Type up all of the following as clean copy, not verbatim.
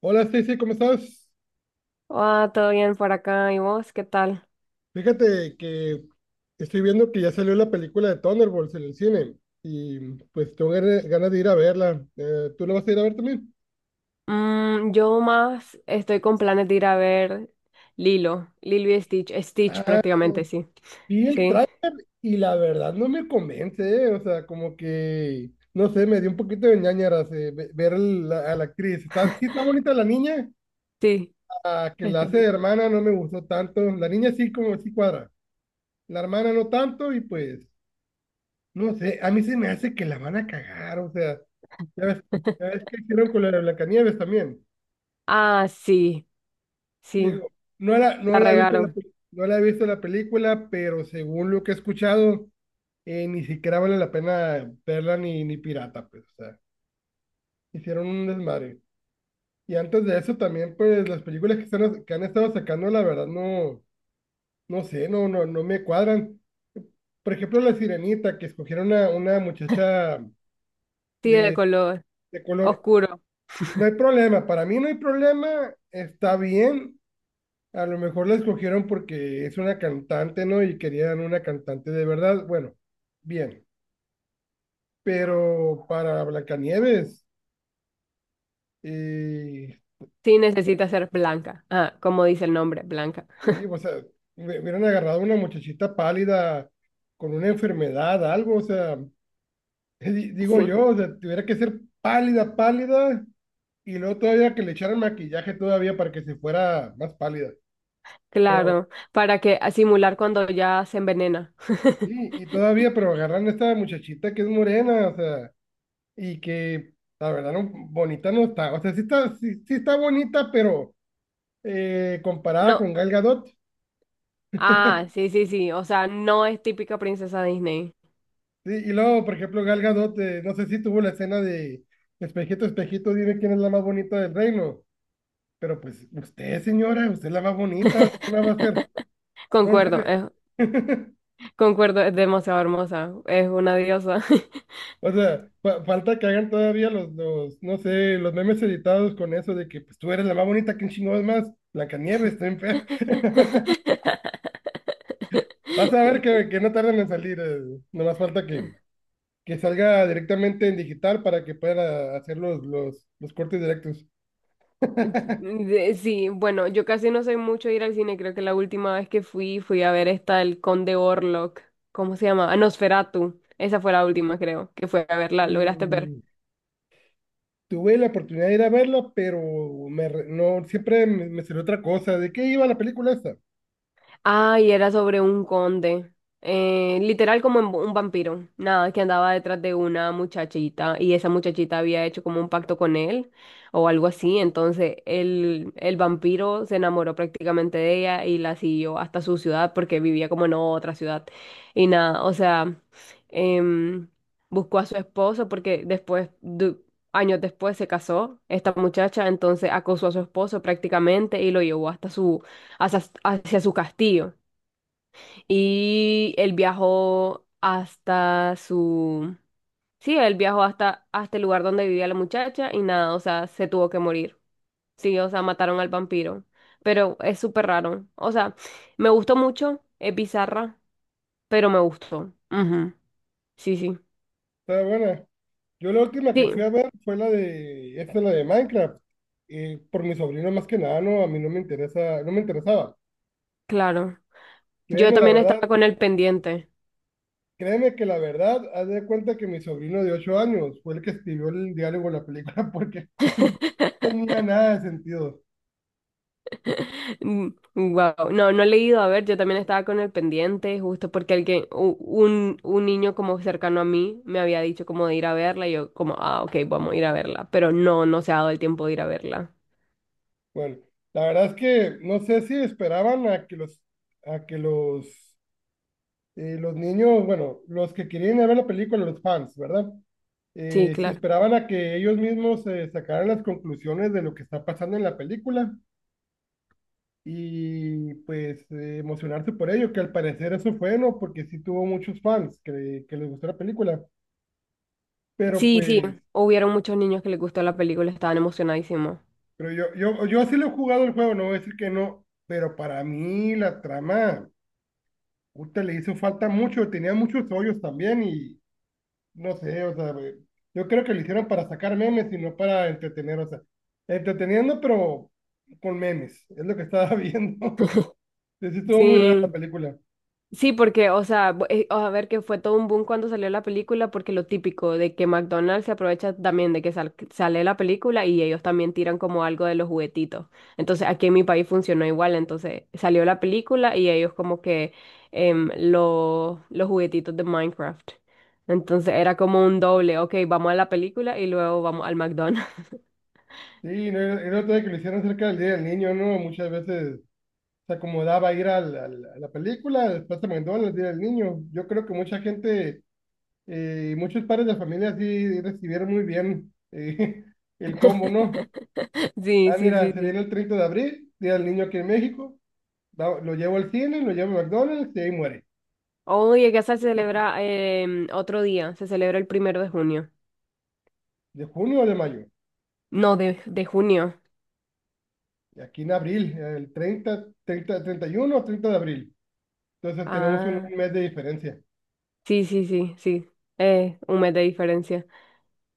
Hola Stacy, ¿cómo estás? Ah, todo bien por acá. ¿Y vos qué tal? Fíjate que estoy viendo que ya salió la película de Thunderbolts en el cine y pues tengo ganas de ir a verla. ¿Tú la vas a ir a ver también? Yo más estoy con planes de ir a ver Lilo y Stitch Ah, prácticamente, sí. vi el Sí, tráiler y la verdad no me convence. O sea, como que, no sé, me dio un poquito de ñáñaras, a la actriz. Está, sí está bonita la niña, sí. a que la este. hace de hermana no me gustó tanto. La niña sí como sí cuadra, la hermana no tanto y pues... No sé, a mí se me hace que la van a cagar, o sea, ya ves, ya ves qué hicieron con la de Blancanieves también. Ah, sí, sí, Digo, no la la he visto regaron. No la he visto la película, pero según lo que he escuchado, ni siquiera vale la pena verla, ni, ni pirata, pues, o sea, hicieron un desmadre. Y antes de eso también, pues, las películas que han estado sacando, la verdad, no, no sé, no, no, no me cuadran. Por ejemplo, La Sirenita, que escogieron a una muchacha Sí, de de, color de color. oscuro. No hay problema, para mí no hay problema, está bien. A lo mejor la escogieron porque es una cantante, ¿no? Y querían una cantante de verdad. Bueno, bien. Pero para Blancanieves, y, Sí, necesita ser blanca. Ah, como dice el nombre, blanca. O sea, hubieran agarrado una muchachita pálida con una enfermedad, algo, o sea, Sí, digo yo, o sea, tuviera que ser pálida, pálida, y luego todavía que le echaran maquillaje todavía para que se fuera más pálida. Pero claro, para que a simular cuando ya se envenena. sí, y todavía, pero agarran a esta muchachita que es morena, o sea, y que la verdad no, bonita no está. O sea, sí está, sí, sí está bonita, pero comparada No, con Gal Gadot. ah, sí, sí, sí, o sea, no es típica princesa Disney. Sí, y luego, por ejemplo, Gal Gadot, no sé si tuvo la escena de espejito, espejito, dime quién es la más bonita del reino. Pero pues usted, señora, usted es la más bonita, así que la va a hacer. No, en Concuerdo, serio. Concuerdo, es demasiado hermosa, es una diosa. O sea, falta que hagan todavía no sé, los memes editados con eso de que pues tú eres la más bonita. ¿Quién chingados más? Blancanieves, está bien fea. Vas a ver que, no tardan en salir. Nomás falta que salga directamente en digital para que pueda hacer los cortes directos. Sí, bueno, yo casi no soy mucho de ir al cine. Creo que la última vez que fui a ver esta El Conde Orlok. ¿Cómo se llama? Ah, Nosferatu, esa fue la última, creo, que fue a verla. ¿Lograste ver? Mm, tuve la oportunidad de ir a verla, pero no, siempre me salió otra cosa. ¿De qué iba la película esta? Ay, era sobre un conde. Literal un vampiro. Nada, que andaba detrás de una muchachita y esa muchachita había hecho como un pacto con él o algo así. Entonces el vampiro se enamoró prácticamente de ella y la siguió hasta su ciudad porque vivía como en otra ciudad. Y nada, o sea, em, buscó a su esposo porque después, años después se casó esta muchacha, entonces acosó a su esposo prácticamente y lo llevó hasta hacia su castillo. Y él viajó hasta su... Sí, él viajó hasta el lugar donde vivía la muchacha y nada, o sea, se tuvo que morir. Sí, o sea, mataron al vampiro. Pero es súper raro. O sea, me gustó mucho, es bizarra, pero me gustó. Ujú. Sí, sí. Estaba buena. Yo la última Sí, que fui a ver fue la de, esta la de Minecraft, por mi sobrino más que nada. No, a mí no me interesa, no me interesaba. claro. Yo Créeme la también estaba verdad, con el pendiente. créeme que la verdad, haz de cuenta que mi sobrino de 8 años fue el que escribió el diálogo de la película porque no tenía nada de sentido. Wow, no, no he leído, a ver, yo también estaba con el pendiente, justo porque alguien, un niño como cercano a mí me había dicho como de ir a verla y yo como, ah, ok, vamos a ir a verla, pero no, no se ha dado el tiempo de ir a verla. Bueno, la verdad es que no sé si esperaban a que los niños, bueno, los que querían ir a ver la película, los fans, ¿verdad? Sí, Se claro. esperaban a que ellos mismos sacaran las conclusiones de lo que está pasando en la película y pues emocionarse por ello, que al parecer eso fue, ¿no? Porque sí tuvo muchos fans que, les gustó la película, pero Sí, sí, pues, hubieron muchos niños que les gustó la película, estaban emocionadísimos. pero yo sí lo he jugado el juego, no voy a decir que no, pero para mí la trama, puta, le hizo falta mucho, tenía muchos hoyos también y no sé, o sea, güey, yo creo que lo hicieron para sacar memes y no para entretener, o sea, entreteniendo, pero con memes, es lo que estaba viendo. Sí, sí estuvo muy rara la Sí, película. sí, porque, o sea, a ver que fue todo un boom cuando salió la película, porque lo típico de que McDonald's se aprovecha también de que sale la película y ellos también tiran como algo de los juguetitos. Entonces, aquí en mi país funcionó igual, entonces salió la película y ellos como que los juguetitos de Minecraft. Entonces era como un doble, ok, vamos a la película y luego vamos al McDonald's. Sí, no, el otro de que lo hicieron cerca del Día del Niño, ¿no? Muchas veces se acomodaba ir a la película, después se mandó al Día del Niño. Yo creo que mucha gente, muchos padres de familia sí recibieron muy bien, el combo, ¿no? Sí, Ah, sí, sí, mira, se sí. viene el 30 de abril, Día del Niño aquí en México. Lo llevo al cine, lo llevo a McDonald's y ahí muere. Hoy acá se celebra otro día, se celebra el primero de junio. De junio o de mayo. No, de junio. Y aquí en abril, el 30, 30, 31 o 30 de abril. Entonces tenemos Ah, un mes de diferencia. sí, sí, sí, sí. Un mes de diferencia.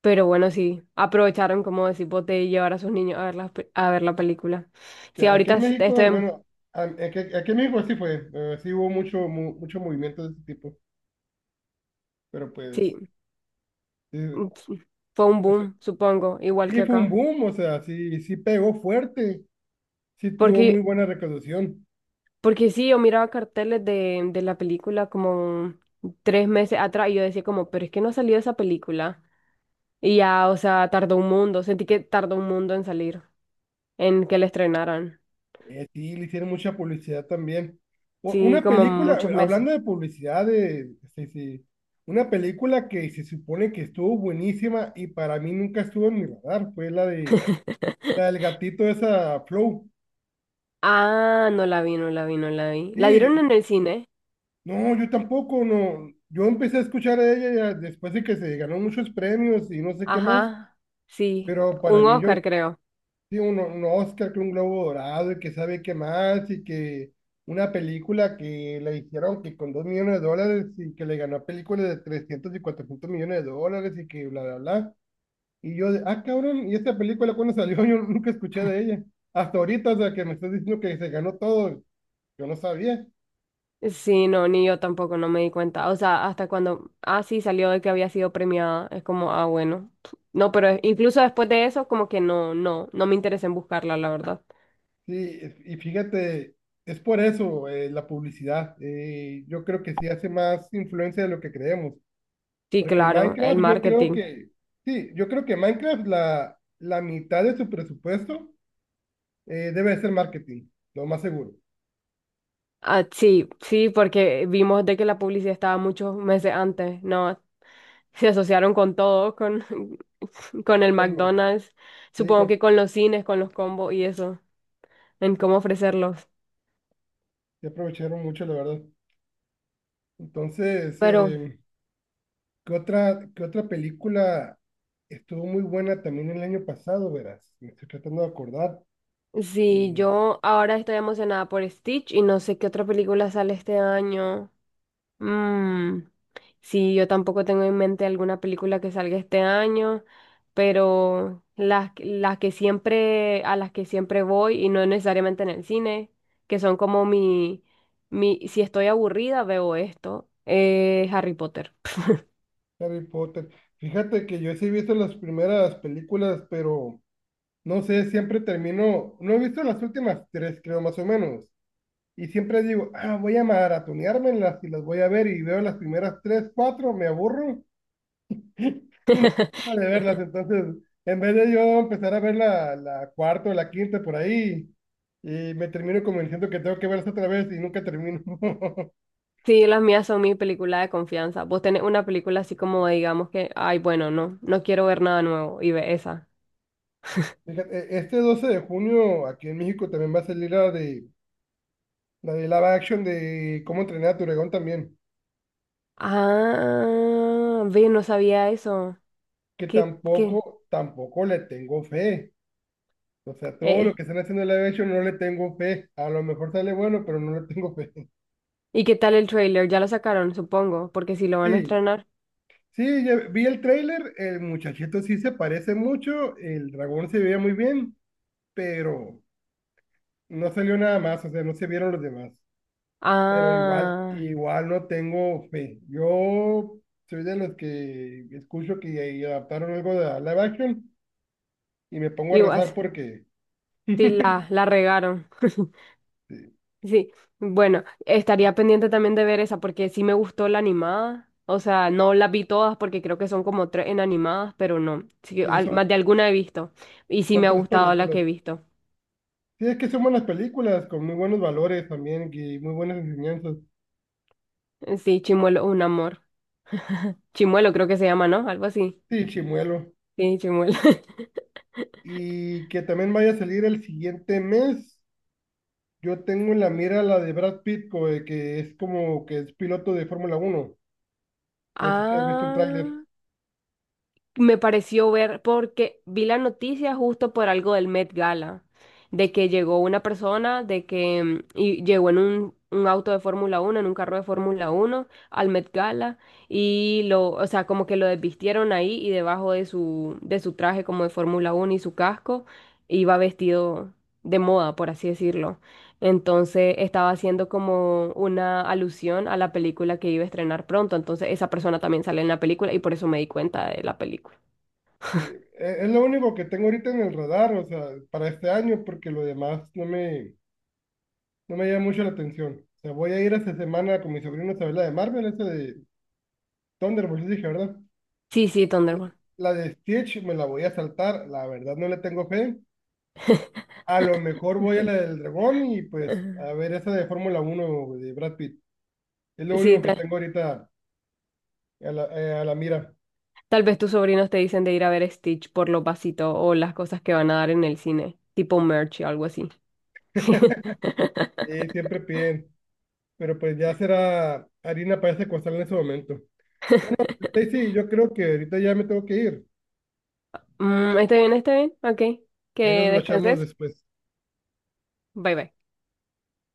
Pero bueno, sí, aprovecharon, como decís vos, de llevar a sus niños a ver a ver la película. Sí, Ya, aquí ahorita en México, al menos, aquí, aquí en México sí fue, sí hubo mucho, mucho movimiento de ese tipo. Pero sí, pues, eh, sí, fue un eso- boom, supongo, igual sí que fue un acá. boom, o sea, sí, sí pegó fuerte, sí tuvo Porque, muy buena recaudación. porque sí, yo miraba carteles de la película como tres meses atrás y yo decía como, pero es que no ha salido esa película. Y ya, o sea, tardó un mundo, sentí que tardó un mundo en salir, en que la estrenaran. Sí, le hicieron mucha publicidad también. Sí, Una como película, muchos meses. hablando de publicidad, de, sí, sí, una película que se supone que estuvo buenísima y para mí nunca estuvo en mi radar, fue la de la del gatito esa Flow. Ah, no la vi, no la vi, no la vi. La Sí, dieron en el cine. no, yo tampoco, no. Yo empecé a escuchar a ella ya después de que se ganó muchos premios y no sé qué más, Ajá, sí, pero para un mí yo, no, Oscar creo. sí, un Oscar, que un Globo Dorado y que sabe qué más, y que una película que le hicieron que con 2 millones de dólares y que le ganó a películas de 300 y 400 millones de dólares y que bla, bla, bla. Y yo, de, ah, cabrón, ¿y esta película cuando salió? Yo nunca escuché de ella. Hasta ahorita, o sea, que me estás diciendo que se ganó todo, yo no sabía. Sí, no, ni yo tampoco, no me di cuenta. O sea, hasta cuando, ah, sí, salió de que había sido premiada, es como, ah, bueno. No, pero incluso después de eso, como que no, no, no me interesa en buscarla, la verdad. Sí, y fíjate, es por eso, la publicidad. Yo creo que sí hace más influencia de lo que creemos. Sí, Porque claro, el Minecraft, yo creo marketing. que, sí, yo creo que Minecraft, la mitad de su presupuesto debe de ser marketing, lo más seguro. Ah, sí, sí, porque vimos de que la publicidad estaba muchos meses antes, ¿no? Se asociaron con todo, con, con el Como- McDonald's, sí, supongo con- que con los cines, con los combos y eso, en cómo ofrecerlos. sí aprovecharon mucho, la verdad. Entonces, Pero qué otra película estuvo muy buena también el año pasado, verás? Me estoy tratando de acordar. sí, Eh, yo ahora estoy emocionada por Stitch y no sé qué otra película sale este año. Mm, sí, yo tampoco tengo en mente alguna película que salga este año, pero las que siempre, a las que siempre voy, y no necesariamente en el cine, que son como si estoy aburrida, veo esto, Harry Potter. Harry Potter. Fíjate que yo sí he visto las primeras películas, pero no sé, siempre termino, no he visto las últimas tres, creo, más o menos. Y siempre digo, ah, voy a maratoneármelas y las voy a ver y veo las primeras tres, cuatro, me aburro y no tengo de verlas. Entonces, en vez de yo empezar a ver la cuarta o la quinta por ahí, y me termino convenciendo que tengo que verlas otra vez y nunca termino. Sí, las mías son mi película de confianza. Vos tenés una película así como, digamos que, ay, bueno, no, no quiero ver nada nuevo, y ve esa. Fíjate, este 12 de junio aquí en México también va a salir la de live action de cómo entrenar a tu dragón también, Ah, ve, no sabía eso. que ¿Qué, qué? tampoco, tampoco le tengo fe. O sea, todo Eh. lo que están haciendo en live action no le tengo fe. A lo mejor sale bueno, pero no le tengo fe. ¿Y qué tal el trailer? Ya lo sacaron, supongo, porque si lo van a Sí, estrenar. sí, ya vi el tráiler, el muchachito sí se parece mucho, el dragón se veía muy bien, pero no salió nada más, o sea, no se vieron los demás. Pero igual, Ah, igual no tengo fe. Yo soy de los que escucho que y adaptaron algo de live action y me pongo a igual, rezar porque sí, sí, la regaron. Sí, bueno, estaría pendiente también de ver esa porque sí me gustó la animada. O sea, no las vi todas porque creo que son como tres en animadas, pero no. Sí, que sí, más de alguna he visto. Y sí son me ha tres gustado la películas. que he visto. Sí, es que son buenas películas, con muy buenos valores también y muy buenas enseñanzas. Sí, Chimuelo, es un amor. Chimuelo creo que se llama, ¿no? Algo así. Sí, Chimuelo. Sí, Chimuelo. Y que también vaya a salir el siguiente mes. Yo tengo en la mira la de Brad Pitt, que es como que es piloto de Fórmula Uno. No sé si has visto el tráiler. Ah. Me pareció ver, porque vi la noticia justo por algo del Met Gala, de que llegó una persona, de que y llegó en un auto de Fórmula 1 en un carro de Fórmula 1 al Met Gala, y lo, o sea, como que lo desvistieron ahí y debajo de su, traje como de Fórmula 1 y su casco, iba vestido de moda, por así decirlo. Entonces estaba haciendo como una alusión a la película que iba a estrenar pronto. Entonces esa persona también sale en la película y por eso me di cuenta de la película. Sí, es lo único que tengo ahorita en el radar, o sea, para este año, porque lo demás no me, no me llama mucho la atención. O sea, voy a ir esta semana con mi sobrino a ver la de Marvel, esa de Thunderbolts, dije, ¿verdad? Sí, sí, La Thunderbolt. la de Stitch me la voy a saltar, la verdad no le tengo fe. A lo mejor voy a la del dragón y pues Ajá. a ver esa de Fórmula uno de Brad Pitt. Es lo Sí, único que tengo ahorita a la mira. tal vez tus sobrinos te dicen de ir a ver Stitch por los vasitos o las cosas que van a dar en el cine, tipo merch o algo así. Siempre piden, pero pues ya será harina para ese costal en ese momento. Stacy, yo creo que ahorita ya me tengo que ir. Mm, está bien, está bien. Ok. Que Ahí nos guachamos descanses. después. Bye bye.